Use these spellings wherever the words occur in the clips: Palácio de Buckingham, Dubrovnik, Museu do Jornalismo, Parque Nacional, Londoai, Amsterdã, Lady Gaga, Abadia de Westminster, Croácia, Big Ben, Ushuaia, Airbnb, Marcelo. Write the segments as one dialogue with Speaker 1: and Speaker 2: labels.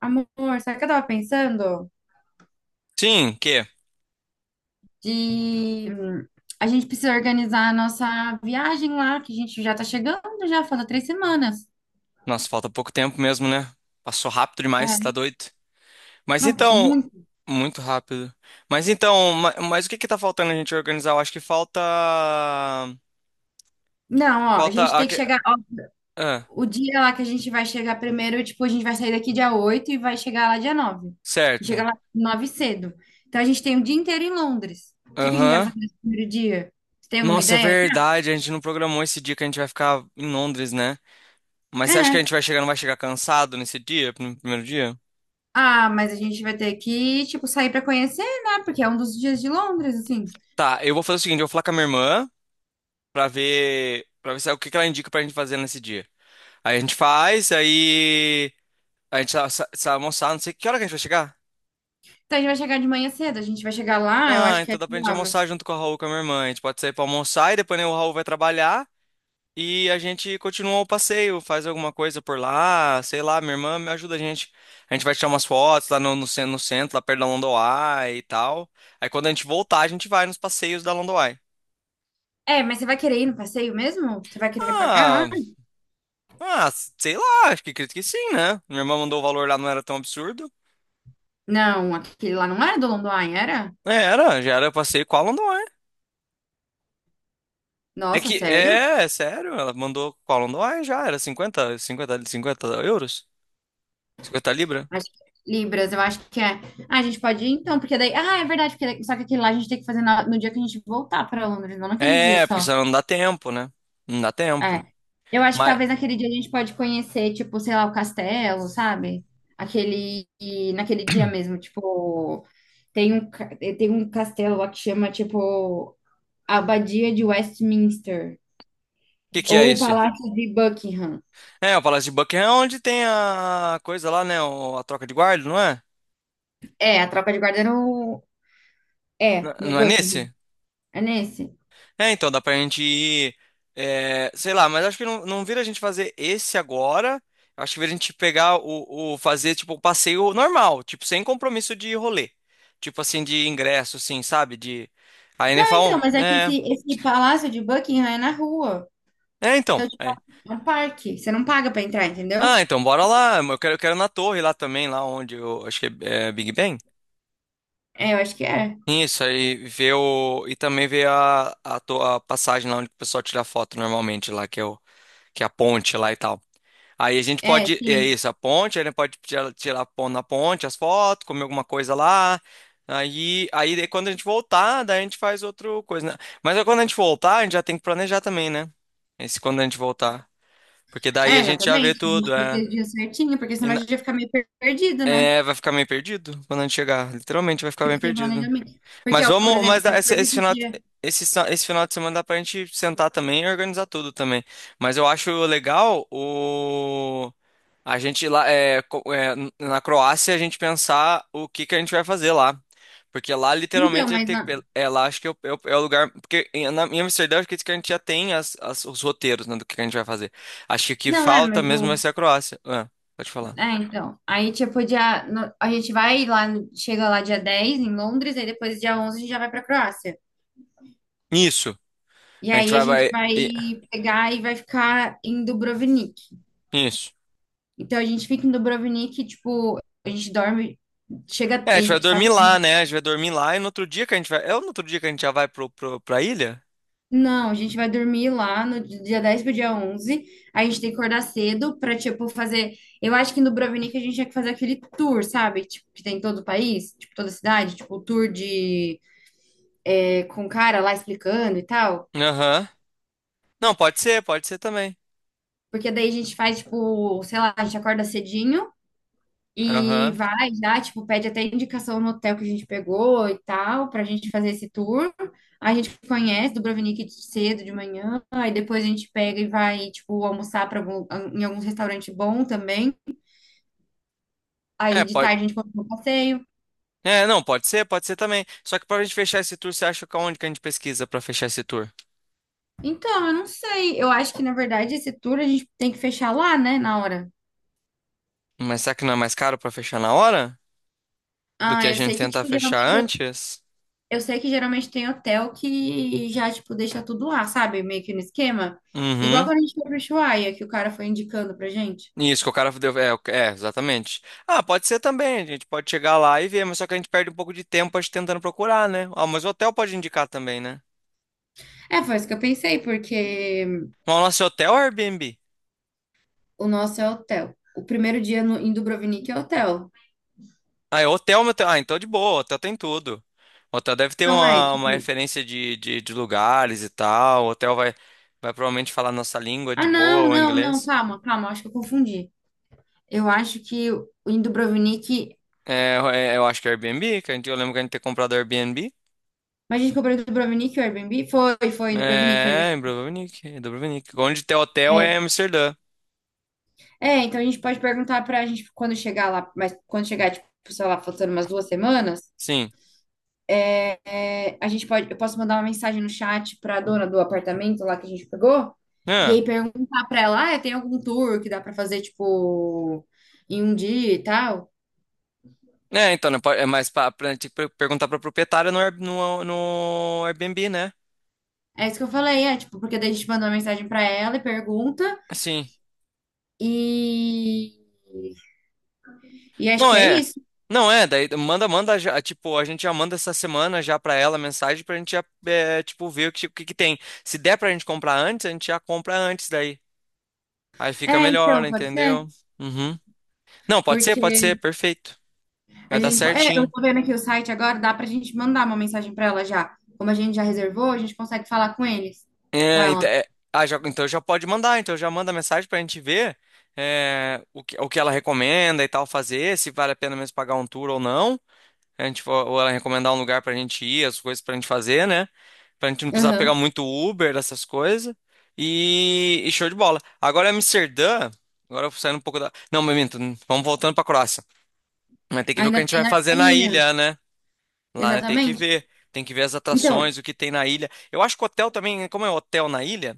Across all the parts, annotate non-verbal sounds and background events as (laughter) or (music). Speaker 1: Amor, sabe o que eu tava pensando?
Speaker 2: Sim, que?
Speaker 1: De A gente precisa organizar a nossa viagem lá, que a gente já tá chegando, já falta 3 semanas.
Speaker 2: Nossa, falta pouco tempo mesmo, né? Passou rápido demais, tá
Speaker 1: É,
Speaker 2: doido. Mas
Speaker 1: não, passou
Speaker 2: então,
Speaker 1: muito.
Speaker 2: muito rápido. Mas então, mas, o que que tá faltando a gente organizar? Eu acho que falta.
Speaker 1: Não, ó, a gente
Speaker 2: Falta.
Speaker 1: tem que chegar, ó,
Speaker 2: Ah,
Speaker 1: o dia lá que a gente vai chegar primeiro, tipo, a gente vai sair daqui dia 8 e vai chegar lá dia 9. E chega
Speaker 2: certo.
Speaker 1: lá 9 cedo. Então a gente tem o dia inteiro em Londres. O que que a gente vai
Speaker 2: Aham.
Speaker 1: fazer nesse primeiro dia? Você tem alguma
Speaker 2: Nossa, é
Speaker 1: ideia?
Speaker 2: verdade, a gente não programou esse dia que a gente vai ficar em Londres, né? Mas você acha que a
Speaker 1: É.
Speaker 2: gente vai chegar, não vai chegar cansado nesse dia, no primeiro dia?
Speaker 1: Ah, mas a gente vai ter que, tipo, sair pra conhecer, né? Porque é um dos dias de Londres, assim.
Speaker 2: Tá, eu vou fazer o seguinte, eu vou falar com a minha irmã pra ver é o que que ela indica pra gente fazer nesse dia. Aí a gente faz, aí. A gente sai almoçar, não sei que hora que a gente vai chegar.
Speaker 1: Então a gente vai chegar de manhã cedo, a gente vai chegar lá, eu
Speaker 2: Ah,
Speaker 1: acho que é,
Speaker 2: então dá pra
Speaker 1: sei
Speaker 2: gente
Speaker 1: lá,
Speaker 2: almoçar
Speaker 1: mas.
Speaker 2: junto com a Raul, com a minha irmã. A gente pode sair pra almoçar e depois né, o Raul vai trabalhar e a gente continua o passeio, faz alguma coisa por lá, sei lá, minha irmã me ajuda a gente. A gente vai tirar umas fotos lá no centro, lá perto da Londoai e tal. Aí quando a gente voltar, a gente vai nos passeios da Londoai.
Speaker 1: É, mas você vai querer ir no passeio mesmo? Você vai querer pagar lá?
Speaker 2: Ah, ah, sei lá, acho que acredito que sim, né? Minha irmã mandou o valor lá, não era tão absurdo.
Speaker 1: Não, aquele lá não era do London, era?
Speaker 2: É, era, já era passeio com a Londoai. É
Speaker 1: Nossa,
Speaker 2: que,
Speaker 1: sério?
Speaker 2: é, é sério, ela mandou qual não dói já, era cinquenta euros? 50 libra?
Speaker 1: Acho que é Libras, eu acho que é. Ah, a gente pode ir então, porque daí. Ah, é verdade, porque daí- só que aquele lá a gente tem que fazer na- no dia que a gente voltar para Londres, não naquele dia
Speaker 2: É, porque
Speaker 1: só.
Speaker 2: senão não dá tempo, né? Não dá tempo.
Speaker 1: É. Eu acho que
Speaker 2: Mas, o
Speaker 1: talvez naquele dia a gente pode conhecer, tipo, sei lá, o castelo, sabe? Aquele. E naquele dia mesmo, tipo. Tem um, ca- tem um castelo lá que chama, tipo, a Abadia de Westminster
Speaker 2: que que é
Speaker 1: ou o
Speaker 2: isso?
Speaker 1: Palácio de Buckingham.
Speaker 2: É, o Palácio de Buckingham é onde tem a coisa lá, né, a troca de guarda, não é?
Speaker 1: É, a tropa de guarda no É, no
Speaker 2: Não é
Speaker 1: Buckingham.
Speaker 2: nesse?
Speaker 1: É nesse?
Speaker 2: É, então dá pra gente ir, é, sei lá, mas acho que não, não vira a gente fazer esse agora. Acho que vira a gente pegar o fazer tipo o passeio normal, tipo sem compromisso de rolê, tipo assim de ingresso, assim, sabe? De aí nem
Speaker 1: Não, então,
Speaker 2: falam,
Speaker 1: mas é que
Speaker 2: é,
Speaker 1: esse Palácio de Buckingham é na rua.
Speaker 2: é então,
Speaker 1: Então, tipo,
Speaker 2: é.
Speaker 1: é um parque. Você não paga pra entrar, entendeu?
Speaker 2: Ah, então bora lá. Eu quero na torre lá também, lá onde eu acho que é Big Ben.
Speaker 1: É, eu acho que é.
Speaker 2: Isso aí ver o e também ver a passagem lá onde o pessoal tira foto normalmente lá que é o que é a ponte lá e tal. Aí a gente
Speaker 1: É,
Speaker 2: pode, é
Speaker 1: sim.
Speaker 2: isso, a ponte, aí a gente pode tirar na ponte as fotos, comer alguma coisa lá. Aí, aí daí quando a gente voltar, daí a gente faz outra coisa, né? Mas aí quando a gente voltar, a gente já tem que planejar também, né? Esse quando a gente voltar. Porque daí
Speaker 1: É,
Speaker 2: a gente já vê
Speaker 1: exatamente. A gente
Speaker 2: tudo, é.
Speaker 1: precisa de certinho, porque
Speaker 2: E
Speaker 1: senão a
Speaker 2: na-
Speaker 1: gente ia ficar meio perdido, né?
Speaker 2: é, vai ficar meio perdido quando a gente chegar. Literalmente vai ficar
Speaker 1: Tipo,
Speaker 2: bem
Speaker 1: sem
Speaker 2: perdido.
Speaker 1: planejamento. Porque,
Speaker 2: Mas
Speaker 1: ó, por
Speaker 2: vamos,
Speaker 1: exemplo,
Speaker 2: mas
Speaker 1: depois desse dia.
Speaker 2: esse final de semana dá pra gente sentar também e organizar tudo também. Mas eu acho legal o a gente lá é, co- é, n- na Croácia a gente pensar o que que a gente vai fazer lá. Porque lá
Speaker 1: Então,
Speaker 2: literalmente a gente
Speaker 1: mas
Speaker 2: tem
Speaker 1: não.
Speaker 2: é lá acho que é o lugar porque em Amsterdã acho que a gente já tem os roteiros né, do que a gente vai fazer. Acho que o que
Speaker 1: Não, é,
Speaker 2: falta
Speaker 1: mas
Speaker 2: mesmo vai
Speaker 1: o
Speaker 2: ser a Croácia. Ah, pode falar.
Speaker 1: é, então. Aí, tipo, dia, no- a gente vai lá, no- chega lá dia 10 em Londres, aí depois dia 11 a gente já vai pra Croácia.
Speaker 2: Isso.
Speaker 1: E
Speaker 2: A gente
Speaker 1: aí a
Speaker 2: vai,
Speaker 1: gente
Speaker 2: vai
Speaker 1: vai
Speaker 2: e-
Speaker 1: pegar e vai ficar em Dubrovnik.
Speaker 2: isso.
Speaker 1: Então a gente fica em Dubrovnik, tipo, a gente dorme, chega,
Speaker 2: É, a
Speaker 1: a
Speaker 2: gente vai
Speaker 1: gente
Speaker 2: dormir
Speaker 1: sabe?
Speaker 2: lá, né? A gente vai dormir lá e no outro dia que a gente vai. É no outro dia que a gente já vai pra ilha?
Speaker 1: Não, a gente vai dormir lá no dia 10 pro dia 11. A gente tem que acordar cedo pra, tipo, fazer. Eu acho que em Dubrovnik a gente tinha que fazer aquele tour, sabe? Tipo, que tem em todo o país, tipo, toda cidade, tipo, o tour de com o cara lá explicando e tal.
Speaker 2: Aham. Não, pode ser também.
Speaker 1: Porque daí a gente faz, tipo, sei lá, a gente acorda cedinho e
Speaker 2: Aham.
Speaker 1: vai já, tipo, pede até indicação no hotel que a gente pegou e tal, pra gente fazer esse tour. A gente conhece Dubrovnik de cedo, de manhã, aí depois a gente pega e vai, tipo, almoçar pra em algum restaurante bom também. Aí
Speaker 2: É,
Speaker 1: de
Speaker 2: pode.
Speaker 1: tarde a gente continua o passeio.
Speaker 2: É, não, pode ser também. Só que pra gente fechar esse tour, você acha que aonde que a gente pesquisa pra fechar esse tour?
Speaker 1: Então, eu não sei. Eu acho que, na verdade, esse tour a gente tem que fechar lá, né, na hora.
Speaker 2: Mas será que não é mais caro pra fechar na hora do que
Speaker 1: Ah,
Speaker 2: a
Speaker 1: eu
Speaker 2: gente
Speaker 1: sei que,
Speaker 2: tentar
Speaker 1: tipo,
Speaker 2: fechar
Speaker 1: geralmente
Speaker 2: antes?
Speaker 1: eu sei que geralmente tem hotel que já, tipo, deixa tudo lá, sabe? Meio que no esquema. Igual
Speaker 2: Uhum.
Speaker 1: quando a gente foi pro Ushuaia, que o cara foi indicando pra gente.
Speaker 2: Isso, que o cara deu. É, é, exatamente. Ah, pode ser também. A gente pode chegar lá e ver, mas só que a gente perde um pouco de tempo a gente tentando procurar, né? Ah, mas o hotel pode indicar também, né?
Speaker 1: É, foi isso que eu pensei, porque
Speaker 2: Mas o nosso hotel é o Airbnb.
Speaker 1: o nosso é hotel. O primeiro dia no, em Dubrovnik é hotel.
Speaker 2: Ah, é hotel, meu... Ah, então é de boa, hotel tem tudo. Hotel deve ter
Speaker 1: Não é,
Speaker 2: uma
Speaker 1: tipo...
Speaker 2: referência de lugares e tal. O hotel vai provavelmente falar nossa língua de
Speaker 1: Ah, não,
Speaker 2: boa, o
Speaker 1: não, não,
Speaker 2: inglês.
Speaker 1: calma, calma, acho que eu confundi. Eu acho que o em Dubrovnik...
Speaker 2: Eu acho que é Airbnb, que a gente, eu lembro que a gente ter comprado Airbnb.
Speaker 1: Mas a gente comprou em Dubrovnik o Airbnb? Foi, foi em Dubrovnik o
Speaker 2: É, em
Speaker 1: Airbnb.
Speaker 2: Dubrovnik, em Dubrovnik. Onde tem hotel
Speaker 1: É.
Speaker 2: é Amsterdã.
Speaker 1: É, então a gente pode perguntar pra gente quando chegar lá, mas quando chegar, tipo, sei lá, faltando umas 2 semanas,
Speaker 2: Sim.
Speaker 1: é, a gente pode, eu posso mandar uma mensagem no chat para a dona do apartamento lá que a gente pegou e
Speaker 2: É,
Speaker 1: aí perguntar para ela, ah, tem algum tour que dá para fazer tipo em um dia e tal?
Speaker 2: É, então, né, mais pra, pra gente perguntar pra proprietária no Airbnb, né?
Speaker 1: É isso que eu falei, é tipo, porque daí a gente manda uma mensagem para ela e pergunta
Speaker 2: Sim.
Speaker 1: e e acho
Speaker 2: Não
Speaker 1: que é
Speaker 2: é.
Speaker 1: isso.
Speaker 2: Não é, daí manda já, tipo, a gente já manda essa semana já pra ela a mensagem pra gente já, é, tipo, ver o que que tem. Se der pra gente comprar antes, a gente já compra antes daí. Aí fica
Speaker 1: É,
Speaker 2: melhor,
Speaker 1: então, pode ser,
Speaker 2: entendeu? Uhum. Não,
Speaker 1: porque
Speaker 2: pode ser, perfeito.
Speaker 1: a
Speaker 2: Vai dar
Speaker 1: gente, eu
Speaker 2: certinho.
Speaker 1: tô vendo aqui o site agora, dá pra gente mandar uma mensagem para ela já. Como a gente já reservou, a gente consegue falar com eles, com
Speaker 2: É,
Speaker 1: ela.
Speaker 2: é, ah, então já pode mandar, então já manda mensagem pra gente ver é, o que ela recomenda e tal fazer, se vale a pena mesmo pagar um tour ou não. A gente, ou ela recomendar um lugar pra gente ir, as coisas pra gente fazer, né? Pra gente não precisar pegar
Speaker 1: Aham.
Speaker 2: muito Uber, essas coisas. Show de bola. Agora Amsterdã. Agora eu saindo um pouco da. Não, mas minto, vamos voltando pra Croácia. Vai ter que ver o que a
Speaker 1: Ainda
Speaker 2: gente
Speaker 1: tem
Speaker 2: vai
Speaker 1: a
Speaker 2: fazer na
Speaker 1: ilha.
Speaker 2: ilha, né? Lá, né? Tem que
Speaker 1: Exatamente.
Speaker 2: ver. Tem que ver as
Speaker 1: Então,
Speaker 2: atrações, o que tem na ilha. Eu acho que o hotel também, como é hotel na ilha,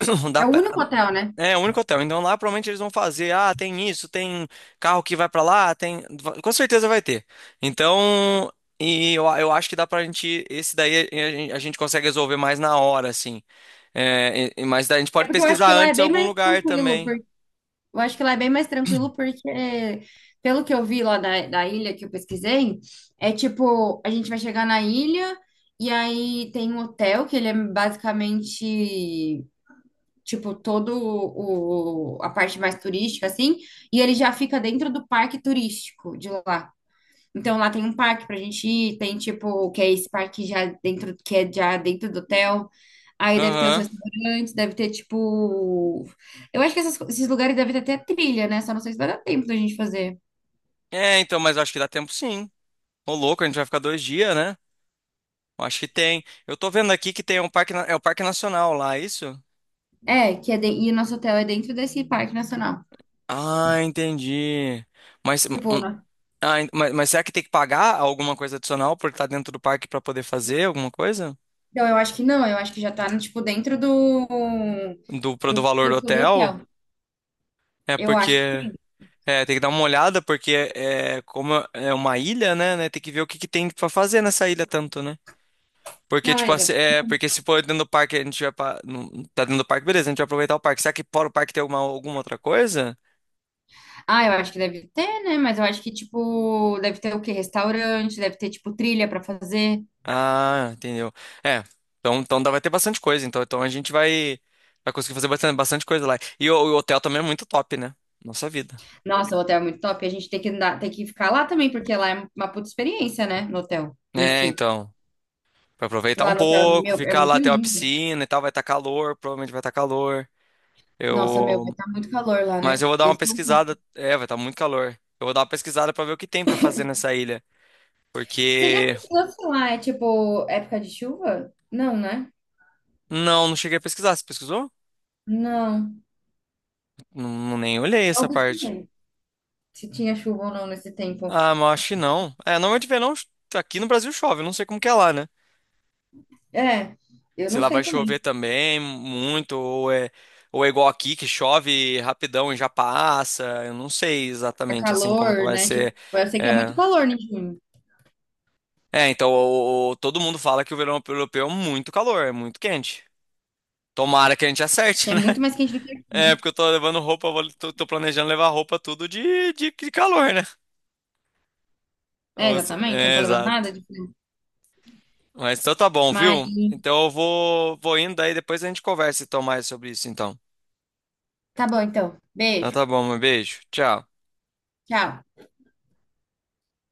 Speaker 2: (clears throat) dá
Speaker 1: é o
Speaker 2: pra-
Speaker 1: único hotel, né?
Speaker 2: é, o único hotel. Então lá provavelmente eles vão fazer, ah, tem isso, tem carro que vai pra lá, tem, com certeza vai ter. Então, eu acho que dá pra gente, esse daí a gente consegue resolver mais na hora, assim. É, mas daí a gente
Speaker 1: É
Speaker 2: pode
Speaker 1: porque eu acho
Speaker 2: pesquisar
Speaker 1: que lá é
Speaker 2: antes em
Speaker 1: bem
Speaker 2: algum
Speaker 1: mais
Speaker 2: lugar
Speaker 1: tranquilo, por...
Speaker 2: também.
Speaker 1: Eu acho que lá é bem mais tranquilo porque, pelo que eu vi lá da, da ilha que eu pesquisei, é tipo, a gente vai chegar na ilha e aí tem um hotel que ele é basicamente, tipo, todo o... A parte mais turística, assim, e ele já fica dentro do parque turístico de lá. Então lá tem um parque pra gente ir, tem tipo, que é esse parque já dentro, que é já dentro do hotel. Aí deve ter os
Speaker 2: Aham.
Speaker 1: restaurantes, deve ter tipo. Eu acho que essas esses lugares devem ter até trilha, né? Só não sei se vai dar tempo da gente fazer.
Speaker 2: É, então, mas eu acho que dá tempo sim. Ô louco, a gente vai ficar 2 dias, né? Eu acho que tem. Eu tô vendo aqui que tem um parque, é o Parque Nacional lá, é isso?
Speaker 1: É, que é de... E o nosso hotel é dentro desse parque nacional.
Speaker 2: Ah, entendi. Mas
Speaker 1: Tipo, né?
Speaker 2: mas, será que tem que pagar alguma coisa adicional por estar dentro do parque para poder fazer alguma coisa?
Speaker 1: Então eu acho que não, eu acho que já tá, tipo, dentro do, do
Speaker 2: Do valor do
Speaker 1: custo do hotel.
Speaker 2: hotel? É
Speaker 1: Eu acho que
Speaker 2: porque.
Speaker 1: sim.
Speaker 2: É, tem que dar uma olhada, porque é, como é uma ilha, né? Tem que ver o que, que tem pra fazer nessa ilha tanto, né? Porque,
Speaker 1: Não, é
Speaker 2: tipo, assim,
Speaker 1: exato.
Speaker 2: é, porque se for dentro do parque, a gente vai. Tá dentro do parque, beleza, a gente vai aproveitar o parque. Será que fora o parque tem alguma, alguma outra coisa?
Speaker 1: Ah, eu acho que deve ter, né? Mas eu acho que, tipo, deve ter o quê? Restaurante, deve ter, tipo, trilha pra fazer.
Speaker 2: Ah, entendeu. É, então, vai ter bastante coisa. Então, a gente vai conseguir fazer bastante, bastante coisa lá. E o hotel também é muito top, né? Nossa vida.
Speaker 1: Nossa, o hotel é muito top. A gente tem que andar, tem que ficar lá também, porque lá é uma puta experiência, né? No hotel em
Speaker 2: É,
Speaker 1: si.
Speaker 2: então. Pra aproveitar
Speaker 1: Lá
Speaker 2: um
Speaker 1: no hotel,
Speaker 2: pouco,
Speaker 1: meu, é
Speaker 2: ficar lá
Speaker 1: muito
Speaker 2: até a
Speaker 1: lindo.
Speaker 2: piscina e tal, vai estar calor, provavelmente vai estar calor.
Speaker 1: Nossa, meu, vai
Speaker 2: Eu.
Speaker 1: estar muito calor lá,
Speaker 2: Mas
Speaker 1: né?
Speaker 2: eu vou dar uma
Speaker 1: Esse é um ponto.
Speaker 2: pesquisada. É, vai estar muito calor. Eu vou dar uma pesquisada pra ver o que tem pra fazer nessa ilha.
Speaker 1: Você já
Speaker 2: Porque.
Speaker 1: pesquisou se lá é tipo época de chuva? Não, né?
Speaker 2: Não, não cheguei a pesquisar. Você pesquisou?
Speaker 1: Não.
Speaker 2: Não, não nem olhei
Speaker 1: Não
Speaker 2: essa parte.
Speaker 1: pesquisei. Se tinha chuva ou não nesse tempo.
Speaker 2: Ah, mas eu acho que não. É, normalmente verão aqui no Brasil chove, eu não sei como que é lá, né?
Speaker 1: É, eu
Speaker 2: Se
Speaker 1: não
Speaker 2: lá
Speaker 1: sei
Speaker 2: vai chover
Speaker 1: também.
Speaker 2: também muito, ou é igual aqui, que chove rapidão e já passa. Eu não sei
Speaker 1: É
Speaker 2: exatamente assim como que
Speaker 1: calor,
Speaker 2: vai
Speaker 1: né? Tipo,
Speaker 2: ser.
Speaker 1: eu sei que é muito
Speaker 2: É,
Speaker 1: calor em junho.
Speaker 2: É, então todo mundo fala que o verão europeu é muito calor, é muito quente. Tomara que a gente acerte,
Speaker 1: Que é
Speaker 2: (laughs) né?
Speaker 1: muito mais quente do que aqui,
Speaker 2: É,
Speaker 1: né?
Speaker 2: porque eu tô levando roupa, eu tô planejando levar roupa tudo de calor, né?
Speaker 1: É,
Speaker 2: Ou
Speaker 1: exatamente. Eu não
Speaker 2: é,
Speaker 1: tô levando
Speaker 2: exato.
Speaker 1: nada de frio.
Speaker 2: Mas então tá bom,
Speaker 1: Mas
Speaker 2: viu? Então eu vou, vou indo, aí depois a gente conversa e então, mais sobre isso, então.
Speaker 1: tá bom, então.
Speaker 2: Então
Speaker 1: Beijo.
Speaker 2: tá bom, um beijo. Tchau.
Speaker 1: Tchau.